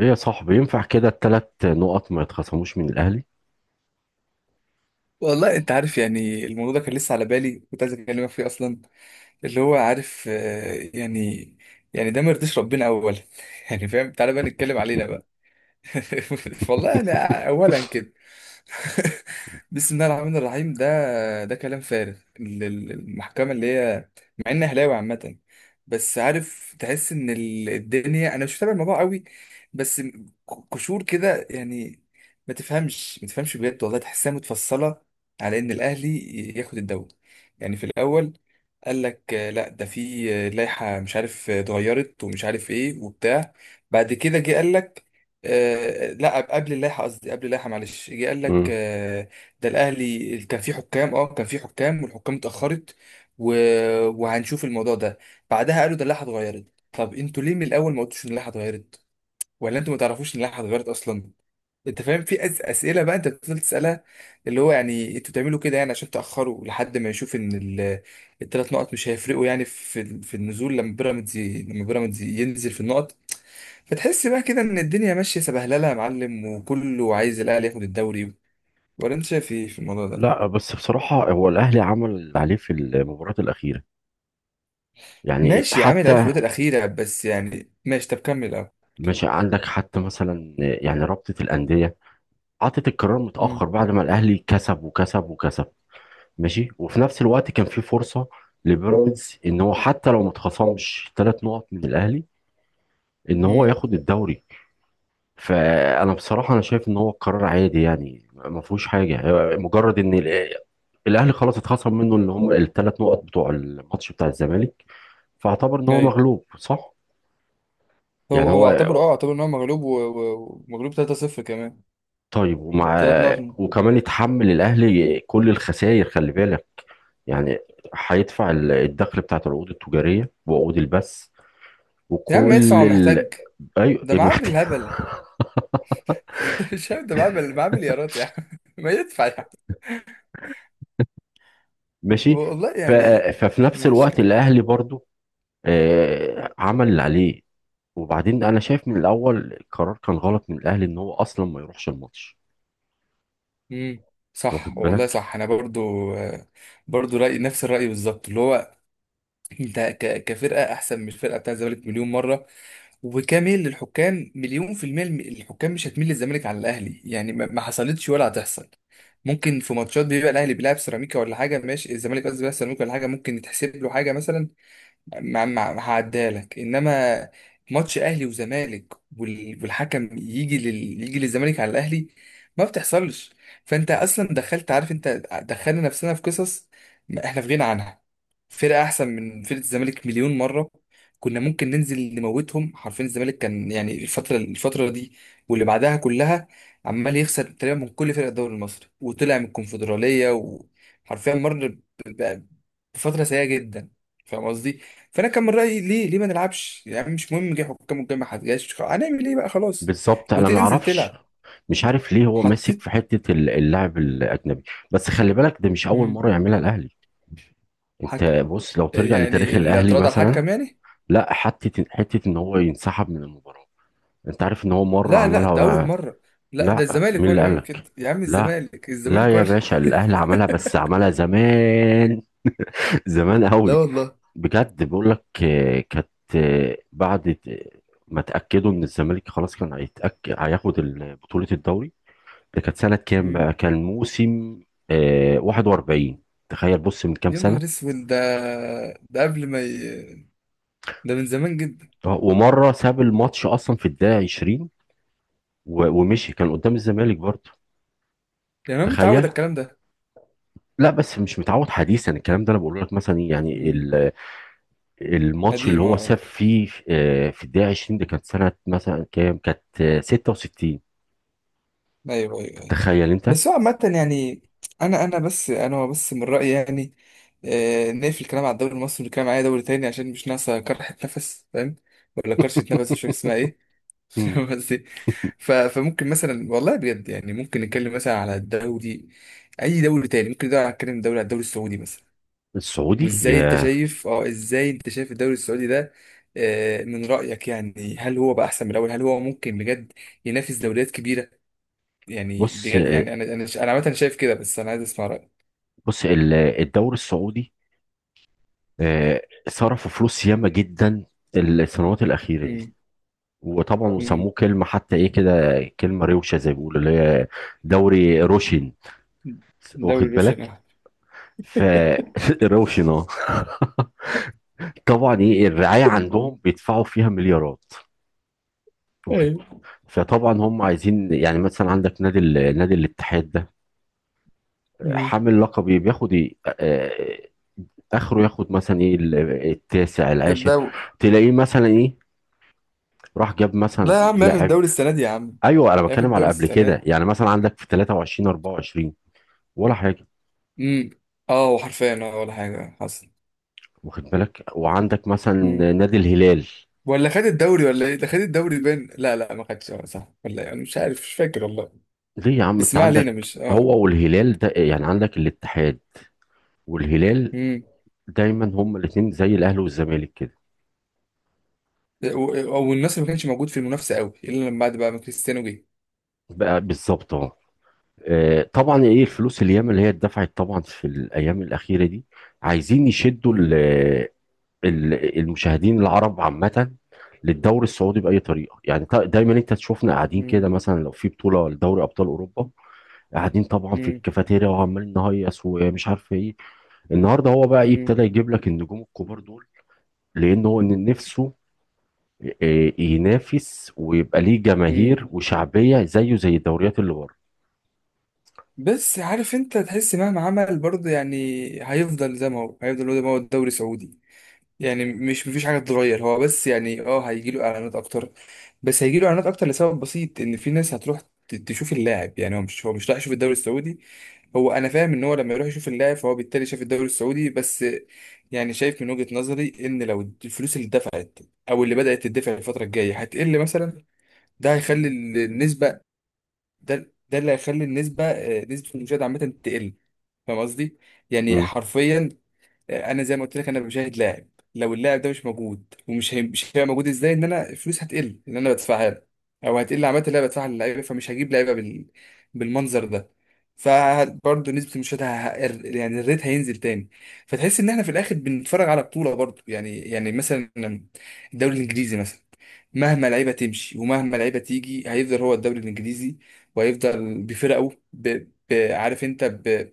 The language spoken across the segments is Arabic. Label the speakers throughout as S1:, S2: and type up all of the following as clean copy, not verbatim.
S1: ايه يا صاحبي، ينفع كده التلات نقط ما يتخصموش من الاهلي؟
S2: والله انت عارف، يعني الموضوع ده كان لسه على بالي، كنت عايز اكلمك فيه اصلا. اللي هو عارف آه، يعني ده ما يرضيش ربنا اولا. يعني فاهم، تعالى بقى نتكلم علينا بقى. والله انا اولا كده. بسم الله الرحمن الرحيم. ده ده كلام فارغ. المحكمة اللي هي، مع اني اهلاوي عامة، بس عارف تحس ان الدنيا، انا مش متابع الموضوع قوي، بس قشور كده يعني. ما تفهمش بجد والله، تحسها متفصلة على ان الاهلي ياخد الدوري. يعني في الاول قال لك آه، لا ده في لائحة مش عارف اتغيرت ومش عارف ايه وبتاع. بعد كده جه قال لك آه، لا قبل اللائحه، قصدي قبل اللائحه، معلش. جه قال لك
S1: مم.
S2: آه، ده الاهلي كان فيه حكام، اه كان فيه حكام، والحكام اتاخرت و... وهنشوف الموضوع ده. بعدها قالوا ده اللائحه اتغيرت. طب انتوا ليه من الاول ما قلتوش ان اللائحه اتغيرت؟ ولا انتوا ما تعرفوش ان اللائحه اتغيرت اصلا؟ انت فاهم، في اسئله بقى انت بتفضل تسالها، اللي هو يعني انتوا بتعملوا كده يعني عشان تاخروا لحد ما يشوف ان ال... الثلاث نقط مش هيفرقوا يعني في النزول، لما بيراميدز لما بيراميدز ينزل في النقط. فتحس بقى كده ان الدنيا ماشيه سبهلله يا معلم، وكله عايز الاهلي ياخد الدوري. ولا انت شايف ايه في الموضوع ده؟
S1: لا، بس بصراحة هو الاهلي عمل اللي عليه في المباراة الاخيرة، يعني
S2: ماشي، عامل عليه في
S1: حتى.
S2: الفتره الاخيره، بس يعني ماشي، طب كمل الاول.
S1: مش عندك حتى مثلا يعني رابطة الاندية عطت القرار متأخر
S2: امم.
S1: بعد ما الاهلي كسب وكسب وكسب. ماشي، وفي نفس الوقت كان في فرصة لبيراميدز ان هو حتى لو ما اتخصمش تلات نقط من الاهلي ان هو
S2: امم.
S1: ياخد الدوري. فانا بصراحه انا شايف ان هو قرار عادي، يعني ما فيهوش حاجه، هو مجرد ان الاهلي خلاص اتخصم منه اللي هم الثلاث نقط بتوع الماتش بتاع الزمالك، فاعتبر ان هو
S2: ايوه.
S1: مغلوب، صح. يعني
S2: هو
S1: هو،
S2: هو اعتبر، اه اعتبر ان هو مغلوب ومغلوب 3-0 كمان.
S1: طيب، ومع،
S2: ثلاث نقط
S1: وكمان يتحمل الاهلي كل الخسائر، خلي بالك، يعني هيدفع الدخل بتاعت العقود التجاريه وعقود البث
S2: يا عم
S1: وكل
S2: يدفع ومحتاج.
S1: ايوه.
S2: ده معاه
S1: محتاج،
S2: بالهبل. مش عارف ده معاه معاه مليارات يا عم. ما يدفع يا عم.
S1: ماشي.
S2: والله
S1: ف...
S2: يعني.
S1: ففي نفس
S2: ماشي
S1: الوقت
S2: كمان.
S1: الاهلي برضو عمل اللي عليه، وبعدين انا شايف من الاول القرار كان غلط من الاهلي ان هو اصلا ما يروحش الماتش،
S2: امم.
S1: انت
S2: صح
S1: واخد
S2: والله
S1: بالك؟
S2: صح، انا برضو آه، برضو رأي نفس الرأي بالظبط، اللي هو انت كفرقه احسن من الفرقه بتاع الزمالك مليون مره، وكميل للحكام مليون في المية. الحكام مش هتميل للزمالك على الاهلي يعني، ما حصلتش ولا هتحصل. ممكن في ماتشات بيبقى الاهلي بيلعب سيراميكا ولا حاجه، ماشي الزمالك، قصدي بيلعب سيراميكا ولا حاجه، ممكن يتحسب له حاجه مثلا، ما هعديهالك. انما ماتش اهلي وزمالك، والحكم يجي لل... يجي للزمالك على الاهلي، ما بتحصلش. فانت اصلا دخلت، عارف انت، دخلنا نفسنا في قصص ما احنا في غنى عنها. فرقه احسن من فرقه الزمالك مليون مره، كنا ممكن ننزل نموتهم حرفيا. الزمالك كان يعني الفتره دي واللي بعدها كلها عمال يخسر تقريبا من كل فرق الدوري المصري، وطلع من الكونفدراليه، وحرفيا مر ب- بفتره سيئه جدا، فاهم قصدي. فانا كان من رايي، ليه ما نلعبش يعني؟ مش مهم جه حكام والجاي، ما حد، خلاص هنعمل ايه بقى، خلاص،
S1: بالظبط. انا ما
S2: وتنزل
S1: اعرفش
S2: تلعب.
S1: مش عارف ليه هو ماسك
S2: حطيت.
S1: في حته اللاعب الاجنبي، بس خلي بالك ده مش اول
S2: مم.
S1: مره يعملها الاهلي. انت
S2: الحكم،
S1: بص لو ترجع لتاريخ
S2: يعني
S1: الاهلي
S2: الاعتراض على
S1: مثلا،
S2: الحكم يعني.
S1: لا، حته ان هو ينسحب من المباراه. انت عارف ان هو مره
S2: لا لا
S1: عملها
S2: ده اول
S1: بقى.
S2: مره. لا ده
S1: لا،
S2: الزمالك
S1: مين
S2: هو
S1: اللي
S2: اللي بيعمل كده
S1: قالك؟
S2: يا عم.
S1: لا،
S2: الزمالك،
S1: لا،
S2: هو
S1: يا
S2: اللي.
S1: باشا، الاهلي عملها، بس عملها زمان، زمان
S2: لا
S1: قوي.
S2: والله.
S1: بجد بقول لك، كانت، بعد ما تأكدوا إن الزمالك خلاص كان هيتأكد هياخد بطولة الدوري. ده كانت سنة كام
S2: مم.
S1: بقى؟ كان موسم 41. تخيل، بص من كام
S2: يا
S1: سنة.
S2: نهار اسود ده. ده قبل ما ي... ده من زمان جدا.
S1: ومرة ساب الماتش أصلا في الدقيقة 20، و- ومشي، كان قدام الزمالك برضه،
S2: يعني انا متعود
S1: تخيل.
S2: على الكلام ده.
S1: لا، بس مش متعود حديثا الكلام ده، انا بقول لك مثلا إيه، يعني
S2: مم.
S1: الماتش اللي
S2: قديم
S1: هو
S2: اه.
S1: ساب فيه في الدقيقة 20، ده كانت سنة مثلا كام؟ كانت 66،
S2: ايوه ايوه ايوه.
S1: تخيل انت.
S2: بس هو عامة يعني، انا بس من رأيي يعني، آه نقفل الكلام على الدوري المصري ونتكلم على اي دوري تاني، عشان مش ناقصة كرحة نفس، فاهم؟ ولا كرشة نفس، مش فاكر اسمها ايه.
S1: مم.
S2: فاهم قصدي. فممكن مثلا والله بجد، يعني ممكن نتكلم مثلا على الدوري، اي دوري تاني ممكن، ده نتكلم دوري على الدوري السعودي مثلا.
S1: السعودي.
S2: وازاي انت
S1: يا
S2: شايف، اه ازاي انت شايف الدوري السعودي ده؟ آه من رأيك يعني، هل هو بقى احسن من الاول؟ هل هو ممكن بجد ينافس دوريات كبيرة؟ يعني
S1: بص،
S2: بجد يعني، انا عامه شايف كده، بس انا عايز اسمع رايك.
S1: بص الدوري السعودي، آه، صرفوا فلوس ياما جدا السنوات الأخيرة دي،
S2: امم.
S1: وطبعا
S2: امم.
S1: وسموه كلمة حتى ايه كده، كلمة روشة زي ما بيقولوا اللي هي دوري روشن،
S2: دوري
S1: واخد
S2: روشن
S1: بالك؟
S2: أهو.
S1: ف روشن، اه. طبعا ايه الرعاية عندهم، بيدفعوا فيها مليارات، واخد
S2: ايه.
S1: بالك؟ فطبعا هم عايزين يعني مثلا عندك نادي نادي الاتحاد ده
S2: امم.
S1: حامل لقب إيه؟ بياخد إيه؟ اخره ياخد مثلا ايه، التاسع، العاشر،
S2: الدوري.
S1: تلاقيه مثلا ايه، راح جاب
S2: لا
S1: مثلا
S2: يا عم ياخد
S1: لاعب.
S2: الدوري السنه دي يا عم.
S1: ايوه، انا
S2: ياخد
S1: بتكلم على
S2: الدوري
S1: قبل
S2: السنه دي.
S1: كده، يعني مثلا عندك في 23 24 ولا حاجه،
S2: امم. اه وحرفيا اه ولا حاجه حصل.
S1: واخد بالك؟ وعندك مثلا
S2: امم.
S1: نادي الهلال.
S2: ولا خد الدوري ولا ايه؟ ده خد الدوري بين، لا ما خدش، اه صح ولا إيه؟ انا مش عارف مش فاكر والله.
S1: ليه يا عم،
S2: بس
S1: انت
S2: ما علينا،
S1: عندك
S2: مش اه.
S1: هو والهلال ده، يعني عندك الاتحاد والهلال،
S2: امم.
S1: دايما هما الاثنين زي الاهلي والزمالك كده،
S2: او الناس ما كانش موجود في المنافسه قوي الا لما بعد بقى ما كريستيانو جه.
S1: بقى بالظبط اهو. طبعا ايه الفلوس الياما اللي هي اتدفعت طبعا في الايام الاخيره دي، عايزين يشدوا
S2: امم.
S1: المشاهدين العرب عامة للدوري السعودي بأي طريقة، يعني دايما انت تشوفنا قاعدين كده مثلا لو في بطولة لدوري أبطال أوروبا، قاعدين طبعا في
S2: امم.
S1: الكافيتيريا وعمالين نهيص ومش عارف ايه. النهارده هو بقى ايه، ابتدى يجيب لك النجوم الكبار دول لأن هو ان نفسه ينافس ويبقى ليه
S2: امم.
S1: جماهير وشعبية زيه زي الدوريات اللي بره.
S2: بس عارف، انت تحس مهما عمل برضه يعني هيفضل زي ما هو. هيفضل هو زي ما هو الدوري السعودي. يعني مش، مفيش حاجه تتغير. هو بس يعني اه هيجي له اعلانات اكتر. بس هيجي له اعلانات اكتر لسبب بسيط، ان في ناس هتروح تشوف اللاعب. يعني هو مش، هو مش رايح يشوف الدوري السعودي، هو، انا فاهم ان هو لما يروح يشوف اللاعب فهو بالتالي شاف الدوري السعودي بس. يعني شايف من وجهه نظري، ان لو الفلوس اللي اتدفعت، او اللي بدات تدفع الفتره الجايه هتقل مثلا، ده هيخلي النسبه، ده اللي هيخلي النسبه آه، نسبه المشاهد عامه تقل، فاهم قصدي. يعني
S1: مم.
S2: حرفيا آه، انا زي ما قلت لك، انا بشاهد لاعب. لو اللاعب ده مش موجود ومش هي... مش هيبقى موجود، ازاي ان انا فلوس هتقل ان انا بدفعها له، او هتقل عامه اللي انا بدفعها للعيبه، فمش هجيب لعيبه بال... بالمنظر ده. فبرضه نسبه المشاهده ه... ه- يعني الريت هينزل تاني. فتحس ان احنا في الاخر بنتفرج على بطوله برضه، يعني يعني مثلا الدوري الانجليزي مثلا، مهما لعيبه تمشي ومهما لعيبه تيجي هيفضل هو الدوري الانجليزي، وهيفضل بفرقه ب... ب... عارف انت ب...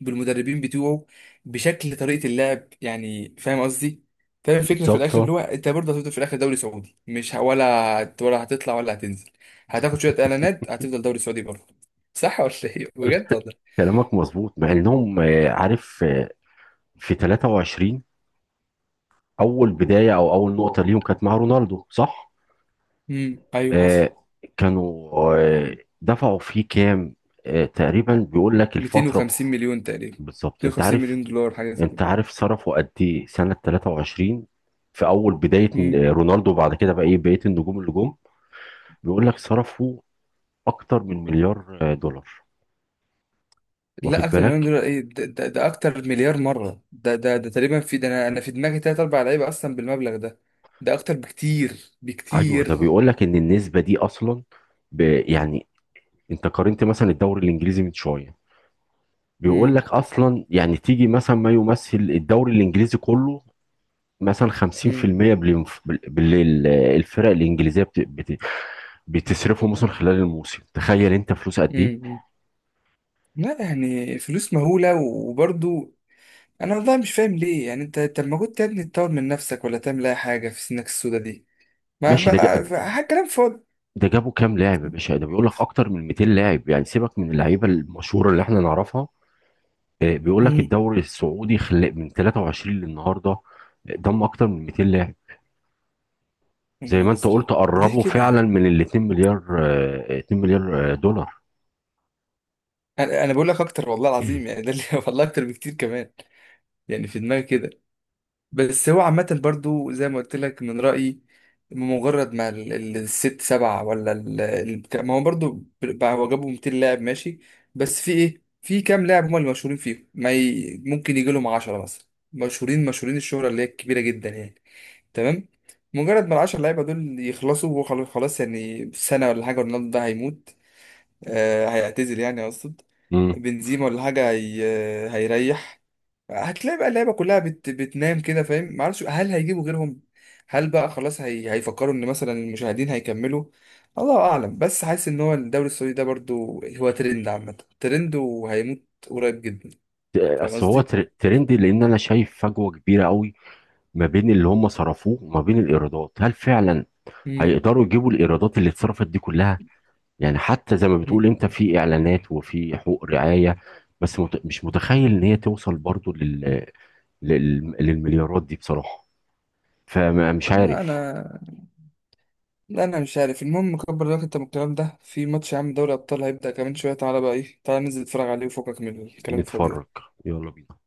S2: بالمدربين بتوعه، بشكل طريقه اللعب يعني، فاهم قصدي. فاهم الفكره في
S1: بالظبط،
S2: الاخر، اللي هو
S1: اه.
S2: انت برضه هتفضل في الاخر دوري سعودي، مش ه... ولا ولا هتطلع ولا هتنزل، هتاخد شويه اعلانات، هتفضل دوري سعودي برضه. صح ولا ايه بجد والله؟
S1: كلامك مظبوط، مع انهم عارف، في 23 اول بداية او اول نقطة ليهم كانت مع رونالدو، صح؟
S2: امم. ايوه حصل.
S1: آه، كانوا دفعوا فيه كام؟ تقريبا بيقول لك الفترة.
S2: 250 مليون تقريبا.
S1: بالظبط. انت
S2: 250
S1: عارف
S2: مليون دولار حاجه زي
S1: انت
S2: كده.
S1: عارف صرفوا قد ايه سنة 23 في اول بداية؟ رونالدو وبعد كده بقى ايه بقية النجوم اللي جم، بيقول لك صرفوا اكتر من مليار دولار،
S2: لا
S1: واخد
S2: اكتر من مليون
S1: بالك؟
S2: دولار، ايه ده, ده, ده اكتر مليار مره. ده تقريبا في ده، انا في دماغي تلات اربع لعيبه اصلا بالمبلغ ده. ده اكتر بكتير
S1: ايوه ده
S2: بكتير.
S1: بيقول لك ان النسبة دي اصلا، يعني انت قارنت مثلا الدوري الانجليزي من شوية، بيقول
S2: مم.
S1: لك اصلا يعني تيجي مثلا ما يمثل الدوري الانجليزي كله مثلا
S2: مم.
S1: 50% بالليل، الفرق الانجليزيه بتصرفه مثلا خلال الموسم، تخيل انت فلوس قد ايه.
S2: مم. لا يعني فلوس مهوله وبرضو انا والله مش فاهم ليه يعني. انت طب ما كنت يا ابني تطور من نفسك ولا تعمل اي حاجه في سنك السودا دي؟ ما
S1: ماشي.
S2: بقى حاجه، كلام فاضي.
S1: ده جابوا كام لاعب يا باشا، ده بيقول لك اكتر من 200 لاعب، يعني سيبك من اللعيبه المشهوره اللي احنا نعرفها. بيقول لك
S2: مم.
S1: الدوري السعودي من 23 للنهارده ضم اكتر من 200 لاعب،
S2: يا
S1: زي ما
S2: نهار
S1: انت
S2: ازرق.
S1: قلت
S2: ليه
S1: قربوا فعلا
S2: كده؟
S1: من ال 2 مليار، 2 مليار دولار.
S2: انا بقول لك اكتر والله العظيم يعني، ده اللي والله اكتر بكتير كمان. يعني في دماغي كده. بس هو عامة برضو زي ما قلت لك من رأيي، مجرد ما الست سبعة ولا ال... ما هو برضو بقى، هو جابوا 200 لاعب، ماشي. بس في ايه، في كام لاعب هم اللي مشهورين فيهم، ما ي... ممكن يجي لهم 10 مثلا مشهورين، مشهورين الشهرة اللي هي كبيرة جدا يعني. تمام. مجرد ما العشر لعيبة دول يخلصوا وخلاص، خلاص يعني سنة ولا حاجة، رونالدو ده هيموت آه، هيعتزل يعني اقصد.
S1: امم
S2: بنزيما ولا حاجه هي... هيريح. هتلاقي بقى اللعيبه كلها بت... بتنام كده. فاهم معرفش، هل هيجيبوا غيرهم؟ هل بقى خلاص هي... هيفكروا ان مثلا المشاهدين هيكملوا؟ الله اعلم. بس حاسس ان هو الدوري السعودي ده برضو هو ترند، عامه ترند وهيموت قريب جدا، فاهم
S1: بس هو
S2: قصدي.
S1: ترند، لان انا شايف فجوه كبيره قوي ما بين اللي هم صرفوه وما بين الايرادات. هل فعلا
S2: مم.
S1: هيقدروا يجيبوا الايرادات اللي اتصرفت دي كلها؟ يعني حتى زي ما بتقول
S2: مم.
S1: انت، في اعلانات وفي حقوق رعاية، بس مش متخيل ان هي توصل برضو للمليارات دي بصراحة، فمش
S2: لا
S1: عارف.
S2: انا لا انا مش عارف. المهم كبر دماغك انت من الكلام ده. في ماتش يا عم، دوري ابطال هيبدأ كمان شويه، تعالى بقى، ايه تعالى ننزل نتفرج عليه وفكك من الكلام الفاضي
S1: نتفرج،
S2: ده.
S1: يلا بينا.